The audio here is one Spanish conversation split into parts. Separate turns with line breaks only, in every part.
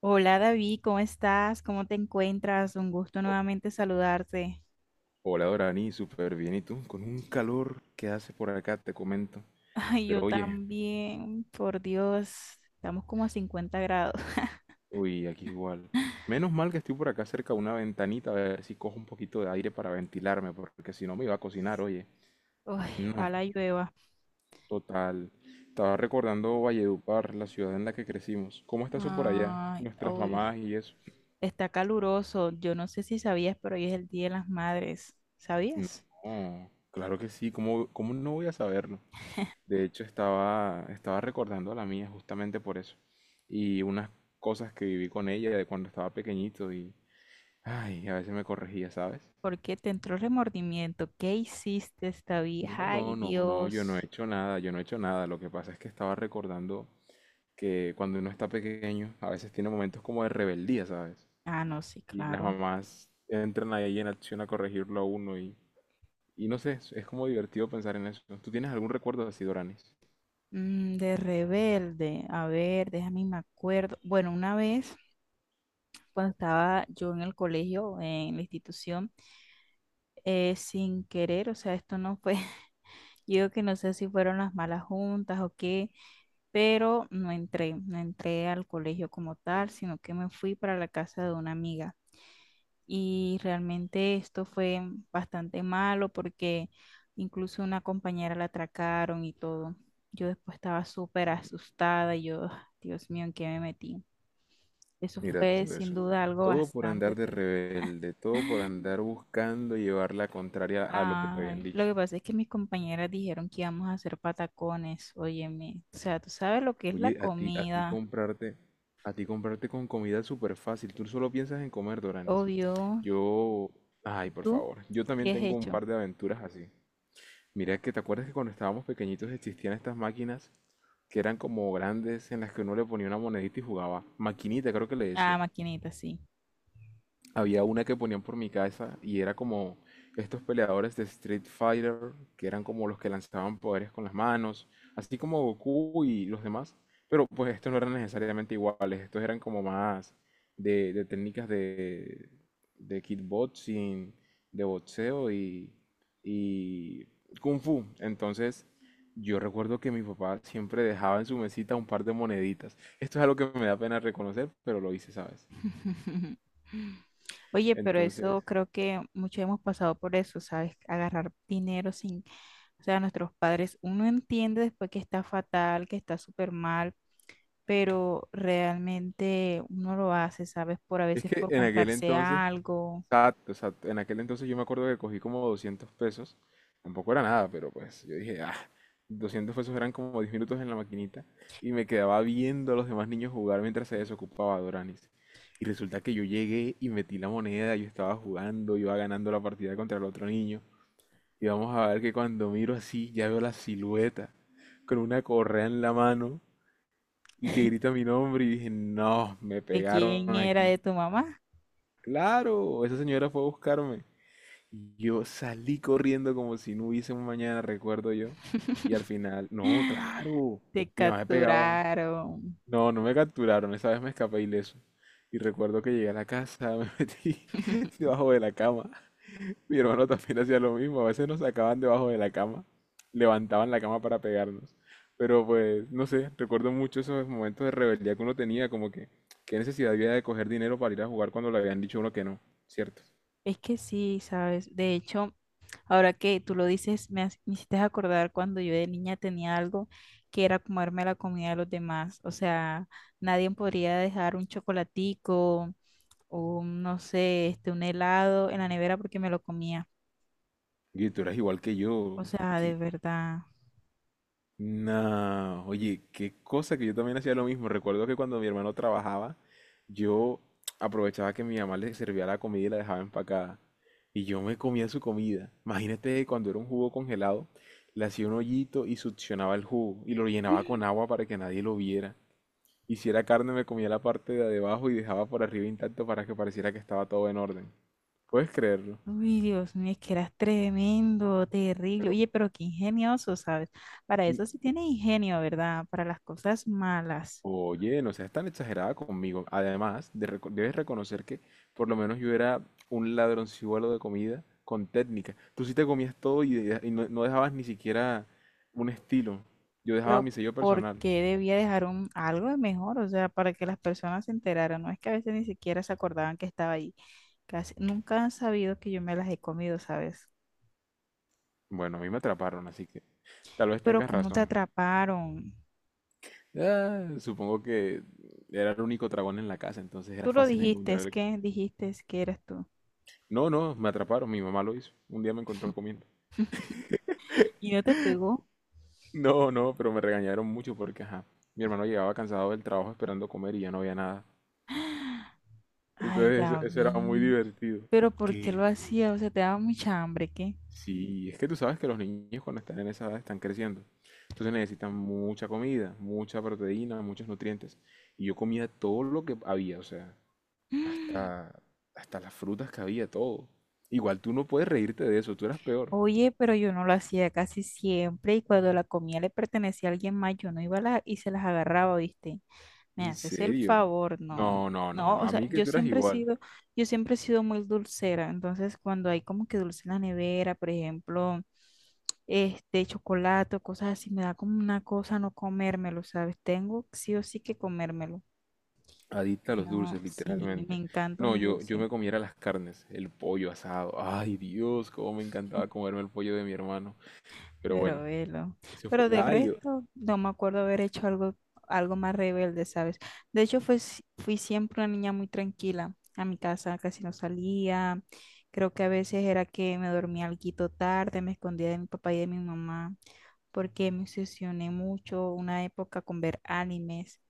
Hola David, ¿cómo estás? ¿Cómo te encuentras? Un gusto nuevamente saludarte.
Hola Dorani, súper bien. ¿Y tú? Con un calor que hace por acá, te comento.
Ay, yo
Pero oye,
también, por Dios, estamos como a 50 grados.
uy, aquí es igual. Menos mal que estoy por acá cerca de una ventanita, a ver si cojo un poquito de aire para ventilarme, porque si no me iba a cocinar, oye.
Ay,
No,
ojalá llueva.
total. Estaba recordando Valledupar, la ciudad en la que crecimos. ¿Cómo está eso por allá?
Ay,
Nuestras
uy,
mamás y eso.
está caluroso. Yo no sé si sabías, pero hoy es el Día de las Madres. ¿Sabías?
No, claro que sí, ¿cómo no voy a saberlo? De hecho, estaba recordando a la mía justamente por eso. Y unas cosas que viví con ella de cuando estaba pequeñito y, ay, a veces me corregía, ¿sabes?
¿Por qué te entró remordimiento? ¿Qué hiciste, David?
No,
Ay,
no, no, no, yo no he
Dios.
hecho nada, yo no he hecho nada. Lo que pasa es que estaba recordando que cuando uno está pequeño, a veces tiene momentos como de rebeldía, ¿sabes?
Ah, no, sí,
Y las
claro.
mamás entran ahí en acción a corregirlo a uno y no sé, es como divertido pensar en eso. ¿Tú tienes algún recuerdo así, Doranis?
Mm, de rebelde. A ver, déjame me acuerdo. Bueno, una vez, cuando estaba yo en el colegio, en la institución, sin querer, o sea, esto no fue, yo que no sé si fueron las malas juntas o qué, pero no entré al colegio como tal, sino que me fui para la casa de una amiga. Y realmente esto fue bastante malo porque incluso una compañera la atracaron y todo. Yo después estaba súper asustada y yo, "Ah, Dios mío, ¿en qué me metí? Eso
Mira
fue
todo
sin
eso.
duda algo
Todo por andar
bastante...
de rebelde, todo por andar buscando llevar la contraria a lo que te habían
Ay, lo
dicho.
que pasa es que mis compañeras dijeron que íbamos a hacer patacones, óyeme. O sea, tú sabes lo que es la
Oye,
comida,
a ti comprarte con comida es súper fácil. Tú solo piensas en comer, Doranis.
obvio.
Yo, ay, por
¿Tú
favor. Yo también
qué has
tengo un
hecho?
par de aventuras así. Mira que te acuerdas que cuando estábamos pequeñitos existían estas máquinas que eran como grandes en las que uno le ponía una monedita y jugaba. Maquinita, creo que le
Ah,
decían.
maquinita, sí.
Había una que ponían por mi casa y era como estos peleadores de Street Fighter, que eran como los que lanzaban poderes con las manos, así como Goku y los demás. Pero pues estos no eran necesariamente iguales, estos eran como más de técnicas de kickboxing, de boxeo y kung fu. Entonces yo recuerdo que mi papá siempre dejaba en su mesita un par de moneditas. Esto es algo que me da pena reconocer, pero lo hice, ¿sabes?
Oye, pero
Entonces...
eso creo que muchos hemos pasado por eso, ¿sabes? Agarrar dinero sin, o sea, nuestros padres, uno entiende después que está fatal, que está súper mal, pero realmente uno lo hace, ¿sabes? Por a
Es
veces
que
por
en aquel
comprarse
entonces,
algo.
exacto, exacto, en aquel entonces yo me acuerdo que cogí como 200 pesos, tampoco era nada, pero pues yo dije, ah, 200 pesos eran como 10 minutos en la maquinita y me quedaba viendo a los demás niños jugar mientras se desocupaba Doranis. Y resulta que yo llegué y metí la moneda, yo estaba jugando, iba ganando la partida contra el otro niño. Y vamos a ver que cuando miro así, ya veo la silueta con una correa en la mano y que grita mi nombre y dije, no, me
¿De quién
pegaron
era?
aquí.
¿De tu mamá?
Claro, esa señora fue a buscarme. Yo salí corriendo como si no hubiese un mañana, recuerdo yo. Y al final, no, claro,
Te
mi mamá me pegaba.
capturaron.
No, no me capturaron, esa vez me escapé ileso. Y recuerdo que llegué a la casa, me metí debajo de la cama. Mi hermano también hacía lo mismo, a veces nos sacaban debajo de la cama, levantaban la cama para pegarnos. Pero pues, no sé, recuerdo mucho esos momentos de rebeldía que uno tenía, como que qué necesidad había de coger dinero para ir a jugar cuando le habían dicho a uno que no, ¿cierto?
Es que sí, ¿sabes? De hecho, ahora que tú lo dices, me hiciste acordar cuando yo de niña tenía algo que era comerme la comida de los demás. O sea, nadie podría dejar un chocolatico o un, no sé, un helado en la nevera porque me lo comía.
Oye, tú eras igual que
O
yo.
sea, de
Que...
verdad.
Nah, oye, qué cosa que yo también hacía lo mismo. Recuerdo que cuando mi hermano trabajaba, yo aprovechaba que mi mamá le servía la comida y la dejaba empacada. Y yo me comía su comida. Imagínate cuando era un jugo congelado, le hacía un hoyito y succionaba el jugo y lo llenaba con agua para que nadie lo viera. Y si era carne, me comía la parte de abajo y dejaba por arriba intacto para que pareciera que estaba todo en orden. ¿Puedes creerlo?
Uy, Dios mío, es que eras tremendo, terrible.
Pero
Oye, pero qué ingenioso, ¿sabes? Para eso sí tiene ingenio, ¿verdad? Para las cosas malas.
oye, no seas tan exagerada conmigo. Además, debes reconocer que por lo menos yo era un ladronzuelo de comida con técnica. Tú sí te comías todo y, y no, no dejabas ni siquiera un estilo. Yo dejaba mi
Pero
sello
¿por
personal.
qué debía dejar un, algo de mejor? O sea, para que las personas se enteraran. No es que a veces ni siquiera se acordaban que estaba ahí. Casi nunca han sabido que yo me las he comido, ¿sabes?
Bueno, a mí me atraparon, así que tal vez
Pero
tengas
¿cómo te
razón.
atraparon?
Ah, supongo que era el único dragón en la casa, entonces era
Tú lo
fácil encontrar el-
dijiste es que eras tú.
No, no, me atraparon, mi mamá lo hizo. Un día me encontró comiendo.
¿Y no te pegó?
No, no, pero me regañaron mucho porque, ajá, mi hermano llegaba cansado del trabajo esperando comer y ya no había nada.
Ay,
Entonces eso era muy
David.
divertido.
Pero ¿por qué lo
¿Qué?
hacía? O sea, te daba mucha hambre, ¿qué?
Sí, es que tú sabes que los niños cuando están en esa edad están creciendo. Entonces necesitan mucha comida, mucha proteína, muchos nutrientes. Y yo comía todo lo que había, o sea, hasta, hasta las frutas que había, todo. Igual tú no puedes reírte de eso, tú eras peor.
Oye, pero yo no lo hacía casi siempre y cuando la comida le pertenecía a alguien más, yo no iba a la, y se las agarraba, ¿viste? Me
¿En
haces el
serio?
favor, no,
No, no, no,
no,
no.
o
A
sea,
mí que tú eras igual.
yo siempre he sido muy dulcera, entonces cuando hay como que dulce en la nevera, por ejemplo, chocolate o cosas así, me da como una cosa no comérmelo, ¿sabes? Tengo sí o sí que comérmelo,
Adicta
si
a los
no,
dulces,
sí, me
literalmente.
encanta
No,
un
yo
dulce.
me comiera las carnes, el pollo asado. Ay, Dios, cómo me encantaba comerme el pollo de mi hermano. Pero
Pero
bueno,
velo.
eso fue.
Pero del
Ay, yo...
resto, no me acuerdo haber hecho algo, algo más rebelde, ¿sabes? De hecho, fue, si- fui siempre una niña muy tranquila. A mi casa casi no salía. Creo que a veces era que me dormía alguito tarde, me escondía de mi papá y de mi mamá, porque me obsesioné mucho una época con ver animes.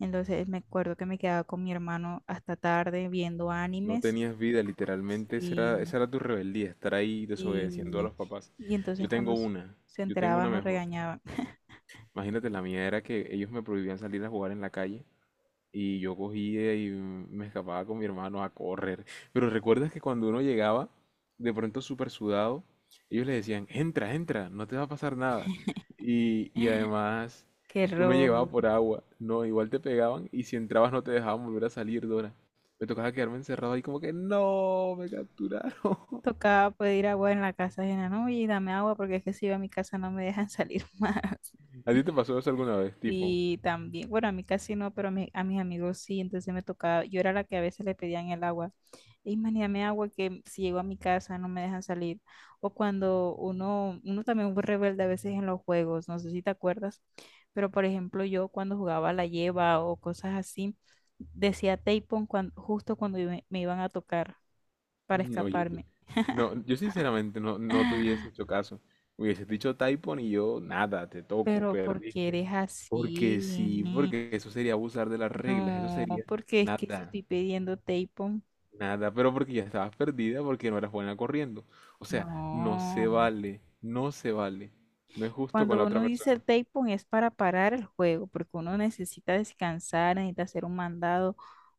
Entonces me acuerdo que me quedaba con mi hermano hasta tarde viendo
no
animes.
tenías vida, literalmente. Esa era,
Sí,
esa era tu rebeldía, estar ahí desobedeciendo a
sí.
los papás.
Y
Yo
entonces cuando
tengo una,
se
yo tengo una
enteraban, nos
mejor.
regañaban.
Imagínate, la mía era que ellos me prohibían salir a jugar en la calle. Y yo cogía y me escapaba con mi hermano a correr. Pero recuerdas que cuando uno llegaba, de pronto súper sudado, ellos le decían, entra, entra, no te va a pasar nada. Y además,
Qué
uno
error.
llegaba por agua, no, igual te pegaban y si entrabas no te dejaban volver a salir, Dora. Me tocaba quedarme encerrado ahí como que, no, me capturaron.
Tocaba pedir agua en la casa ajena, ¿no? Oye, dame agua porque es que si yo a mi casa no me dejan salir más.
¿A ti te pasó eso alguna vez, tipo?
Y también, bueno, a mí casi no, pero a mis amigos sí, entonces me tocaba, yo era la que a veces le pedían el agua. Y man, dame agua que si llego a mi casa no me dejan salir. O cuando uno también fue rebelde a veces en los juegos, no sé si te acuerdas, pero por ejemplo yo cuando jugaba a la lleva o cosas así, decía tapón cuando, justo cuando me iban a tocar para
No, oye,
escaparme.
no, yo sinceramente no, no te hubiese hecho caso. Hubieses dicho Typhon y yo, nada, te toco,
¿Pero porque
perdiste.
eres así?
Porque sí, porque eso sería abusar de las reglas, eso
No,
sería
porque es que si
nada,
estoy pidiendo tapón,
nada, pero porque ya estabas perdida, porque no eras buena corriendo. O sea,
no.
no se vale. No es justo con
Cuando
la
uno
otra
dice
persona.
el tapón es para parar el juego, porque uno necesita descansar, necesita hacer un mandado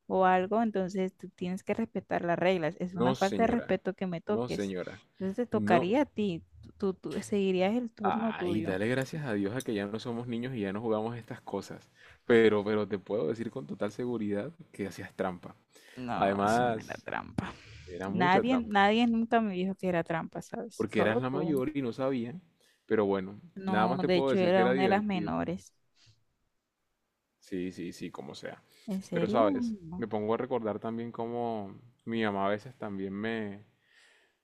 o algo, entonces tú tienes que respetar las reglas. Es una
No,
falta de
señora,
respeto que me
no,
toques.
señora.
Entonces te
No,
tocaría a ti, tú seguirías el turno
ay,
tuyo.
dale gracias a Dios a que ya no somos niños y ya no jugamos estas cosas. Pero te puedo decir con total seguridad que hacías trampa.
No, eso no era
Además,
trampa.
era mucha
Nadie,
trampa,
nadie nunca me dijo que era trampa, ¿sabes?
porque eras
Solo
la
tú.
mayor y no sabían. Pero bueno, nada
No,
más te
de
puedo
hecho
decir que
era
era
una de las
divertido.
menores.
Sí, sí, sí, como sea.
¿En
Pero
serio?
sabes,
No.
me pongo a recordar también cómo mi mamá a veces también me...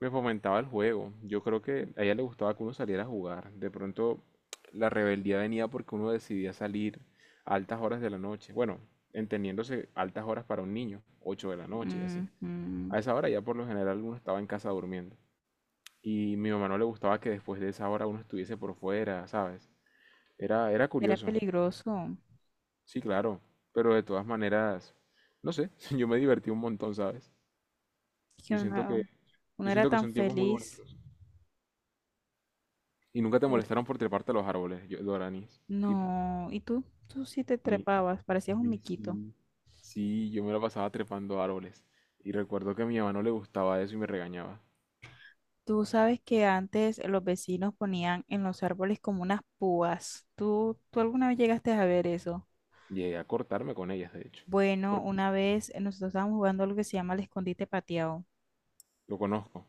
Me fomentaba el juego. Yo creo que a ella le gustaba que uno saliera a jugar. De pronto la rebeldía venía porque uno decidía salir a altas horas de la noche. Bueno, entendiéndose altas horas para un niño, 8 de la noche y así.
Ujú.
A esa hora ya por lo general uno estaba en casa durmiendo. Y mi mamá no le gustaba que después de esa hora uno estuviese por fuera, ¿sabes? Era
Era
curioso.
peligroso.
Sí, claro. Pero de todas maneras, no sé, yo me divertí un montón, ¿sabes?
Que
Yo siento que,
uno, uno
yo
era
siento que
tan
son tiempos muy
feliz.
bonitos. Y nunca te
¿Cierto?
molestaron por treparte a los árboles, yo, Doranis. Tipo,
No, y tú sí te
mi,
trepabas, parecías un
mi
miquito.
sí. Sí, yo me la pasaba trepando a árboles. Y recuerdo que a mi mamá no le gustaba eso y me regañaba.
Tú sabes que antes los vecinos ponían en los árboles como unas púas. Tú alguna vez llegaste a ver eso?
Llegué a cortarme con ellas, de hecho.
Bueno,
Porque
una vez nosotros estábamos jugando algo que se llama el escondite pateado,
lo conozco.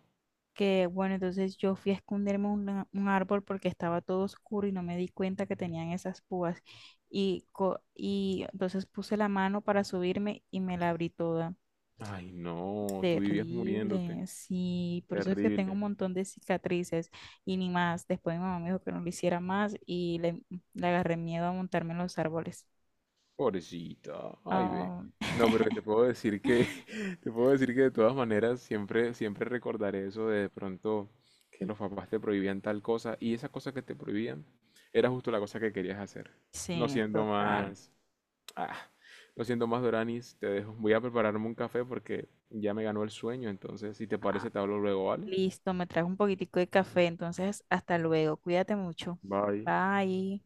que bueno, entonces yo fui a esconderme en un árbol porque estaba todo oscuro y no me di cuenta que tenían esas púas. Y entonces puse la mano para subirme y me la abrí toda.
Ay, no, tú vivías muriéndote.
Terrible, sí, por eso es que tengo
Terrible.
un montón de cicatrices y ni más. Después mi mamá me dijo que no lo hiciera más le agarré miedo a montarme en los árboles.
Pobrecita, ay ve.
Ah,
No, pero te puedo decir que, te puedo decir que de todas maneras siempre, siempre recordaré eso de pronto que los papás te prohibían tal cosa y esa cosa que te prohibían era justo la cosa que querías hacer. No
sí,
siendo
total.
más, ah, no siendo más Doranis, te dejo. Voy a prepararme un café porque ya me ganó el sueño, entonces si te
Ah,
parece te hablo luego, ¿vale?
listo, me trajo un poquitico de café, entonces hasta luego, cuídate mucho.
Bye.
Bye.